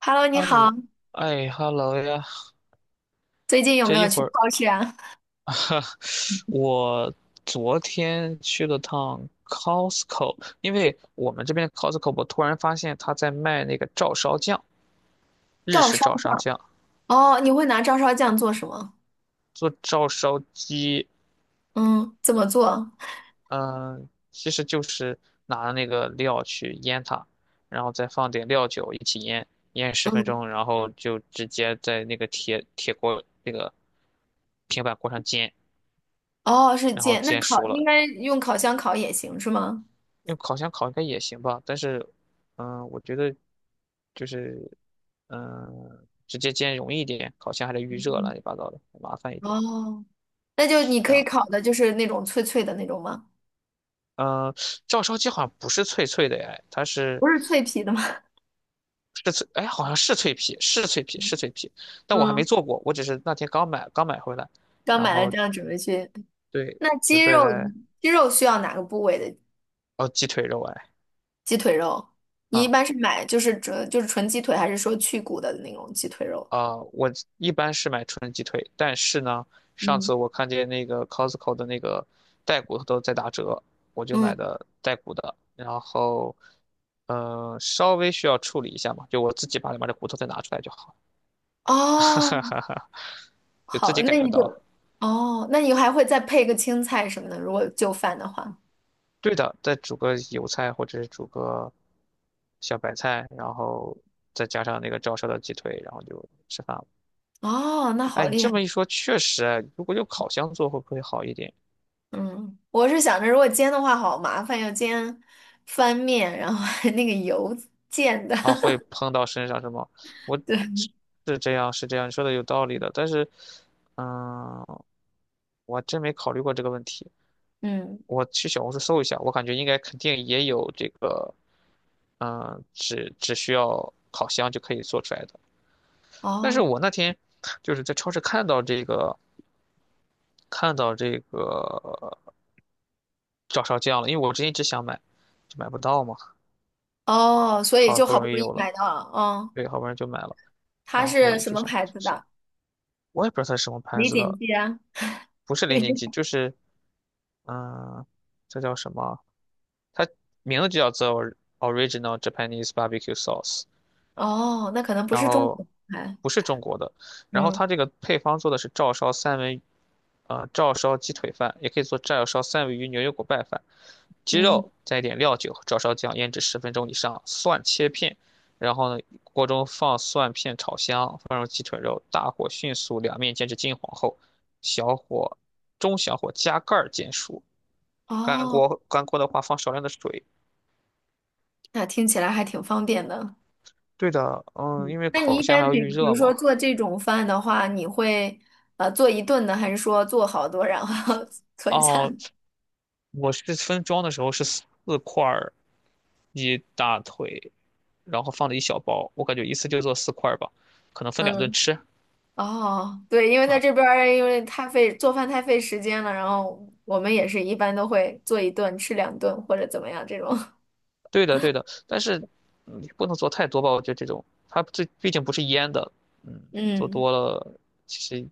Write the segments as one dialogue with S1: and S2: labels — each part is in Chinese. S1: Hello，你
S2: 哈
S1: 好，
S2: 喽，哎哈喽呀！
S1: 最近有
S2: 这
S1: 没
S2: 一
S1: 有去
S2: 会儿，
S1: 超市啊？
S2: 哈我昨天去了趟 Costco，因为我们这边 Costco，我突然发现他在卖那个照烧酱，日
S1: 照
S2: 式
S1: 烧
S2: 照烧
S1: 酱
S2: 酱，
S1: 哦，你会拿照烧酱做什么？
S2: 做照烧鸡，
S1: 嗯，怎么做？
S2: 嗯、其实就是拿那个料去腌它，然后再放点料酒一起腌，腌十分
S1: 嗯，
S2: 钟，然后就直接在那个铁锅那个平板锅上煎，
S1: 哦，是
S2: 然后
S1: 煎，那
S2: 煎
S1: 烤
S2: 熟
S1: 应
S2: 了，
S1: 该用烤箱烤也行是吗？
S2: 用烤箱烤应该也行吧，但是，我觉得就是，直接煎容易一点，烤箱还得预热，
S1: 嗯
S2: 乱七八糟的，麻烦一点，
S1: 哦，那就
S2: 是
S1: 你
S2: 这
S1: 可以
S2: 样。
S1: 烤的就是那种脆脆的那种吗？
S2: 嗯、照烧鸡好像不是脆脆的哎，
S1: 不是脆皮的吗？
S2: 是脆，哎，好像是脆皮，是脆皮，是脆皮，但我还
S1: 嗯
S2: 没做过，我只是那天刚买回来，
S1: 刚
S2: 然
S1: 买了
S2: 后
S1: 这样准备去。
S2: 对，
S1: 那
S2: 准
S1: 鸡
S2: 备
S1: 肉，
S2: 来
S1: 鸡肉需要哪个部位的
S2: 哦鸡腿肉哎，
S1: 鸡腿肉？你一般
S2: 啊
S1: 是买就是纯就是纯鸡腿，还是说去骨的那种鸡腿肉？
S2: 我一般是买纯鸡腿，但是呢，上
S1: 嗯
S2: 次我看见那个 Costco 的那个带骨头都在打折，我就买
S1: 嗯，
S2: 的带骨的，然后，稍微需要处理一下嘛，就我自己把里面的骨头再拿出来就好，哈
S1: 哦，
S2: 哈哈，就自
S1: 好，
S2: 己改
S1: 那
S2: 个
S1: 你就，
S2: 刀。
S1: 哦，那你还会再配个青菜什么的，如果就饭的话。
S2: 对的，再煮个油菜或者是煮个小白菜，然后再加上那个照烧的鸡腿，然后就吃饭了。
S1: 哦，那好
S2: 哎，你
S1: 厉
S2: 这
S1: 害。
S2: 么一说，确实，哎如果用烤箱做会不会好一点？
S1: 嗯，我是想着如果煎的话好麻烦，要煎翻面，然后还那个油溅的。
S2: 啊，会 碰到身上是吗？我
S1: 对，
S2: 是是这样，是这样，你说的有道理的，但是，嗯，我还真没考虑过这个问题。
S1: 嗯，
S2: 我去小红书搜一下，我感觉应该肯定也有这个，嗯，只需要烤箱就可以做出来的。但是
S1: 哦
S2: 我那天就是在超市看到这个，看到这个照烧酱了，因为我之前一直想买，就买不到嘛，
S1: 哦，所以
S2: 好
S1: 就
S2: 不
S1: 好不
S2: 容易
S1: 容易
S2: 有了，
S1: 买到了。哦，
S2: 对，好不容易就买了，
S1: 它
S2: 然
S1: 是
S2: 后
S1: 什
S2: 就
S1: 么
S2: 想
S1: 牌
S2: 试
S1: 子
S2: 试。
S1: 的？
S2: 我也不知道它是什么牌
S1: 李
S2: 子
S1: 锦
S2: 的，
S1: 记啊。
S2: 不是
S1: 因为
S2: 零
S1: 这
S2: 零七，就是嗯，这叫什么？它名字就叫做 Original Japanese Barbecue Sauce，
S1: 哦，那可能不
S2: 然
S1: 是中
S2: 后
S1: 国牌。
S2: 不是中国的，然后
S1: 嗯
S2: 它这个配方做的是照烧三文，照烧鸡腿饭，也可以做照烧三文鱼牛油果拌饭，鸡
S1: 嗯，
S2: 肉加一点料酒和照烧酱腌制十分钟以上，蒜切片，然后呢，锅中放蒜片炒香，放入鸡腿肉，大火迅速两面煎至金黄后，小火。中小火加盖儿煎熟，
S1: 哦，
S2: 干锅的话放少量的水。
S1: 那听起来还挺方便的。
S2: 对的，嗯，因为
S1: 那你
S2: 烤
S1: 一
S2: 箱还
S1: 般
S2: 要
S1: 比
S2: 预
S1: 比如
S2: 热嘛。
S1: 说做这种饭的话，你会做一顿呢，还是说做好多然后 存下
S2: 哦，
S1: 呢
S2: 我是分装的时候是四块儿鸡大腿，然后放了一小包，我感觉一次就做四块儿吧，可能分两顿
S1: 嗯，
S2: 吃
S1: 哦，对，因为在这
S2: 啊。
S1: 边儿因为太费做饭太费时间了，然后我们也是一般都会做一顿吃两顿或者怎么样这种。
S2: 对的，对的，但是嗯也不能做太多吧，我觉得这种它这毕竟不是腌的，嗯，做
S1: 嗯，
S2: 多了其实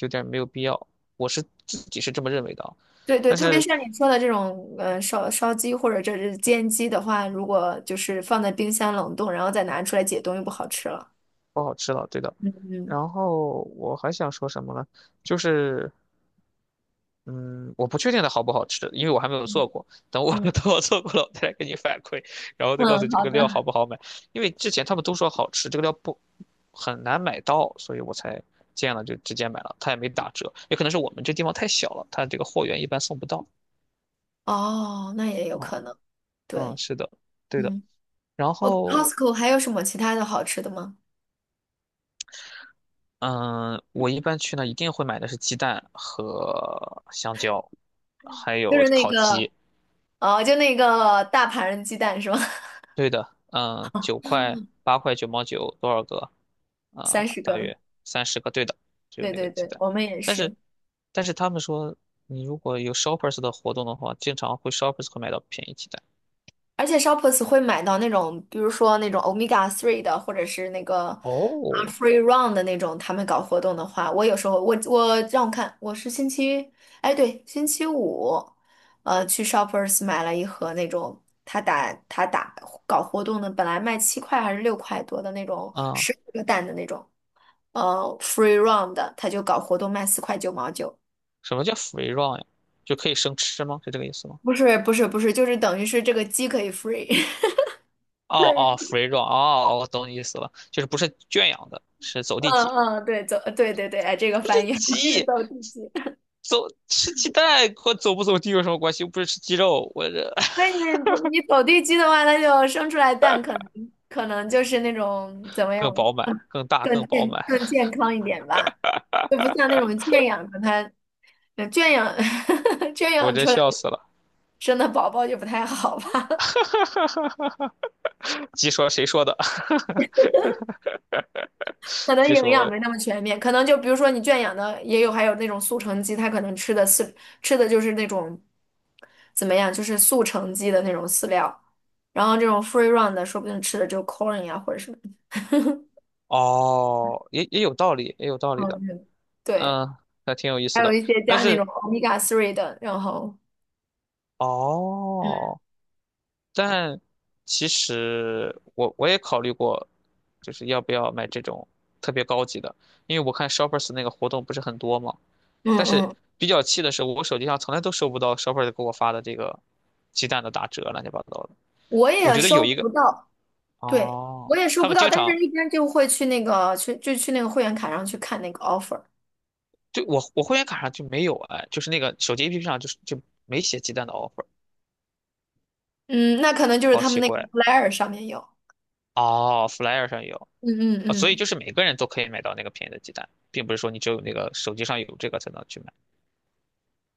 S2: 有点没有必要，我是自己是这么认为的啊。
S1: 对对，
S2: 但
S1: 特别
S2: 是
S1: 像你说的这种烧烧鸡或者这是煎鸡的话，如果就是放在冰箱冷冻，然后再拿出来解冻，又不好吃了。
S2: 不好吃了，对的。
S1: 嗯
S2: 然后我还想说什么呢？就是，嗯，我不确定它好不好吃，因为我还没有做
S1: 嗯
S2: 过。等我
S1: 嗯，
S2: 等我做过了，我再来给你反馈，然后再告诉
S1: 嗯
S2: 你这
S1: 好
S2: 个料好
S1: 的。
S2: 不好买。因为之前他们都说好吃，这个料不很难买到，所以我才见了就直接买了，它也没打折。也可能是我们这地方太小了，它这个货源一般送不到。
S1: 哦，那也有
S2: 啊，
S1: 可能。
S2: 嗯，
S1: 对，
S2: 是的，对的。
S1: 嗯，
S2: 然
S1: 我
S2: 后
S1: Costco 还有什么其他的好吃的吗？
S2: 嗯，我一般去呢，一定会买的是鸡蛋和香蕉，还
S1: 就
S2: 有
S1: 是那
S2: 烤
S1: 个，
S2: 鸡。
S1: 哦，就那个大盘鸡蛋是吗？
S2: 对的，嗯，九块、八块、九毛九，多少个？
S1: 三十
S2: 大
S1: 个。
S2: 约30个。对的，只有
S1: 对
S2: 那个
S1: 对
S2: 鸡
S1: 对，
S2: 蛋。
S1: 我们也
S2: 但是，
S1: 是。
S2: 但是他们说，你如果有 Shoppers 的活动的话，经常会 Shoppers 会买到便宜鸡蛋。
S1: 而且 Shoppers 会买到那种，比如说那种 Omega Three 的，或者是那个啊
S2: 哦，
S1: Free Run 的那种，他们搞活动的话，我有时候让我看，我是星期，哎对，星期五，去 Shoppers 买了一盒那种他打搞活动的，本来卖7块还是6块多的那种
S2: 啊、
S1: 10个蛋的那种，Free Run 的，他就搞活动卖四块九毛九，
S2: 什么叫 free run 呀？就可以生吃吗？是这个意思吗？
S1: 不是不是不是，就是等于是这个鸡可以 free。
S2: 哦哦 ，free run，哦，哦我懂你意思了，就是不是圈养的，是走地
S1: 嗯
S2: 鸡。
S1: 嗯，对，走，对对对，哎，这个
S2: 不是
S1: 翻译 是
S2: 鸡，
S1: 走地鸡。
S2: 走吃鸡蛋和走不走地有什么关系？又不是吃鸡肉，我这
S1: 所以你不你走地鸡的话，它就生出来蛋，可能可能就是那种怎么样，
S2: 更饱满、更大、更饱满，
S1: 更健康一点吧，就不像那种圈养的它，呃圈养 圈
S2: 我
S1: 养
S2: 这
S1: 出来
S2: 笑死了。
S1: 生的宝宝就不太好吧。
S2: 鸡说谁说的？
S1: 可能
S2: 鸡
S1: 营养
S2: 说
S1: 没那么全面，可能就比如说你圈养的也有，还有那种速成鸡，它可能吃的就是那种怎么样，就是速成鸡的那种饲料，然后这种 free run 的，说不定吃的就 corn 呀或者什么，
S2: 哦，也也有道理，也有道理
S1: 嗯，
S2: 的，
S1: 嗯对，
S2: 嗯，还挺有意
S1: 还
S2: 思
S1: 有
S2: 的。
S1: 一些
S2: 但
S1: 加那种
S2: 是
S1: omega three 的，然后嗯
S2: 哦，但其实我也考虑过，就是要不要买这种特别高级的，因为我看 Shoppers 那个活动不是很多嘛。
S1: 嗯
S2: 但是
S1: 嗯，
S2: 比较气的是，我手机上从来都收不到 Shopper 给我发的这个鸡蛋的打折，乱七八糟的。
S1: 我
S2: 我
S1: 也
S2: 觉得有
S1: 收
S2: 一个
S1: 不到，对，
S2: 哦，
S1: 我也收
S2: 他
S1: 不
S2: 们
S1: 到，
S2: 经
S1: 但是
S2: 常
S1: 一般就会去那个去就去那个会员卡上去看那个 offer，
S2: 就我会员卡上就没有哎，就是那个手机 APP 上就没写鸡蛋的 offer，
S1: 嗯，那可能就是
S2: 好
S1: 他们
S2: 奇
S1: 那个
S2: 怪。
S1: flyer 上面有，
S2: 哦，Flyer 上有
S1: 嗯嗯
S2: 啊，所以
S1: 嗯。
S2: 就是每个人都可以买到那个便宜的鸡蛋，并不是说你只有那个手机上有这个才能去买。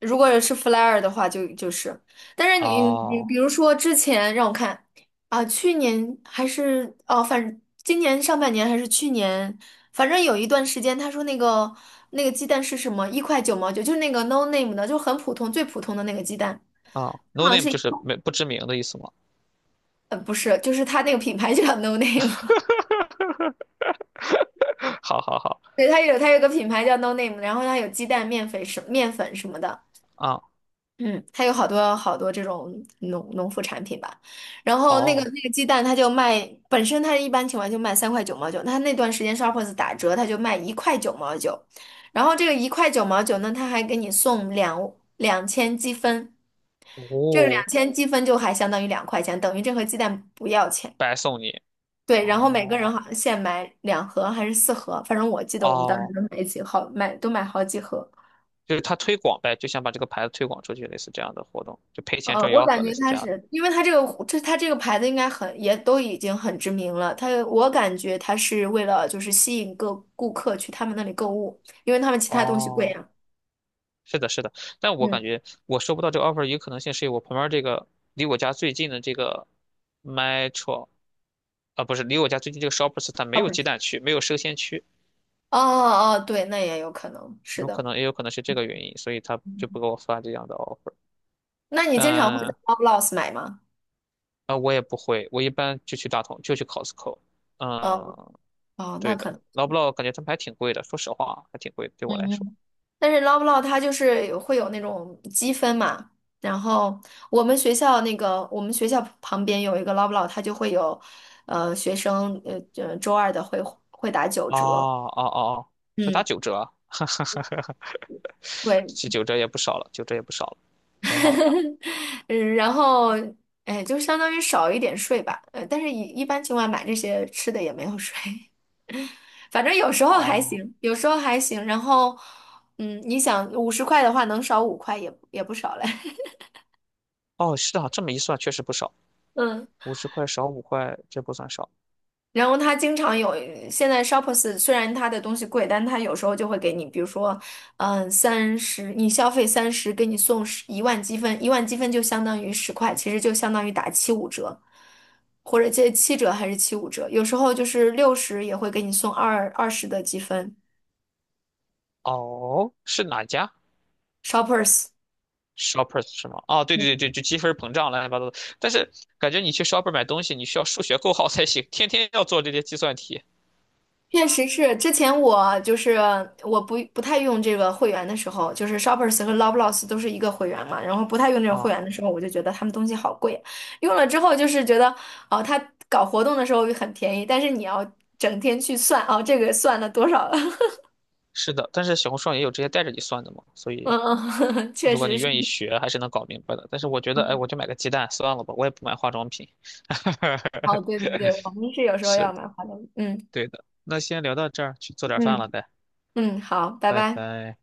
S1: 如果是 flyer 的话就，就是，但是你
S2: 哦，
S1: 比如说之前让我看啊，去年还是哦，反正今年上半年还是去年，反正有一段时间，他说那个那个鸡蛋是什么，一块九毛九，就是那个 no name 的，就很普通最普通的那个鸡蛋，
S2: 啊，No
S1: 好像
S2: name
S1: 是
S2: 就是没不知名的意思吗？
S1: 不是，就是它那个品牌就叫 no name，
S2: 好好好，
S1: 对，它有它有个品牌叫 no name，然后它有鸡蛋、面粉什么的，
S2: 啊，
S1: 嗯，它有好多好多这种农副产品吧，然后那个
S2: 哦，
S1: 那个鸡蛋，它就卖，本身它一般情况就卖三块九毛九，它那段时间 Shoppers 打折，它就卖一块九毛九，然后这个一块九毛九呢，它还给你送两千积分，这两
S2: 哦，
S1: 千积分就还相当于2块钱，等于这盒鸡蛋不要钱。
S2: 白送你。
S1: 对，然后每个
S2: 哦
S1: 人好像限买2盒还是4盒，反正我记得我们当时
S2: 哦，
S1: 都买好几盒。
S2: 就是他推广呗，就想把这个牌子推广出去，类似这样的活动，就赔钱
S1: 嗯，
S2: 赚
S1: 我
S2: 吆
S1: 感
S2: 喝，类
S1: 觉
S2: 似
S1: 它
S2: 这样的。
S1: 是，因为它这个牌子应该很也都已经很知名了。它我感觉它是为了就是吸引各顾客去他们那里购物，因为他们其他东西贵
S2: 哦，
S1: 呀。
S2: 是的，是的，但我
S1: 嗯，
S2: 感觉我收不到这个 offer 一个可能性是我旁边这个离我家最近的这个 Metro 啊，不是离我家最近这个 Shoppers 它没
S1: 好
S2: 有
S1: 吧
S2: 鸡蛋区，没有生鲜区，
S1: 哦哦，对，那也有可能是
S2: 有可
S1: 的。
S2: 能也有可能是这个原因，所以他就不给我发这样的 offer。
S1: 那你
S2: 但
S1: 经常会在
S2: 啊、
S1: Loblaws 买吗？
S2: 我也不会，我一般就去大同，就去 Costco。
S1: 嗯，
S2: 嗯，
S1: 哦，那
S2: 对
S1: 可
S2: 的，
S1: 能。
S2: 劳布劳感觉他们还挺贵的，说实话还挺贵的，对我来
S1: 嗯
S2: 说。
S1: 嗯但是捞不捞 l 它就是有会有那种积分嘛，然后我们学校那个我们学校旁边有一个捞不捞，l 它就会有，学生周二的会会打九
S2: 哦
S1: 折，
S2: 哦哦哦，这打
S1: 嗯，
S2: 九折啊，
S1: 对，
S2: 这九折也不少了，九折也不少了，挺好的。
S1: 嗯，然后哎就相当于少一点税吧，但是一般情况买这些吃的也没有税，反正有时候还
S2: 哦
S1: 行，有时候还行，然后嗯，你想50块的话能少5块也也不少嘞，
S2: 哦，是啊，这么一算确实不少，
S1: 嗯。
S2: 50块少5块，这不算少。
S1: 然后他经常有，现在 Shops p e r 虽然他的东西贵，但他有时候就会给你，比如说，嗯，三十，你消费三十，给你送11万积分，一万积分就相当于十块，其实就相当于打七五折，或者这7折还是七五折，有时候就是60也会给你送20的积分
S2: 哦，是哪家
S1: ，Shoppers。
S2: ？Shoppers 是吗？啊，对对
S1: 嗯。
S2: 对对，就积分膨胀乱七八糟的。但是感觉你去 Shopper 买东西，你需要数学够好才行，天天要做这些计算题
S1: 确实是，之前我就是我不太用这个会员的时候，就是 Shoppers 和 l o v e l a w s 都是一个会员嘛，然后不太用这种会
S2: 啊。
S1: 员的时候，我就觉得他们东西好贵，用了之后就是觉得哦，他搞活动的时候很便宜，但是你要整天去算哦，这个算了多少了，
S2: 是的，但是小红书上也有直接带着你算的嘛，所
S1: 嗯，
S2: 以
S1: 嗯，确
S2: 如果
S1: 实
S2: 你
S1: 是，
S2: 愿意学，还是能搞明白的。但是我觉得，哎，我就买个鸡蛋算了吧，我也不买化妆品。
S1: 哦，对 对对，我们是有时候
S2: 是
S1: 要
S2: 的，
S1: 买化妆品。嗯
S2: 对的。那先聊到这儿，去做点饭了，
S1: 嗯
S2: 呗，
S1: 嗯，好，拜
S2: 拜
S1: 拜。
S2: 拜。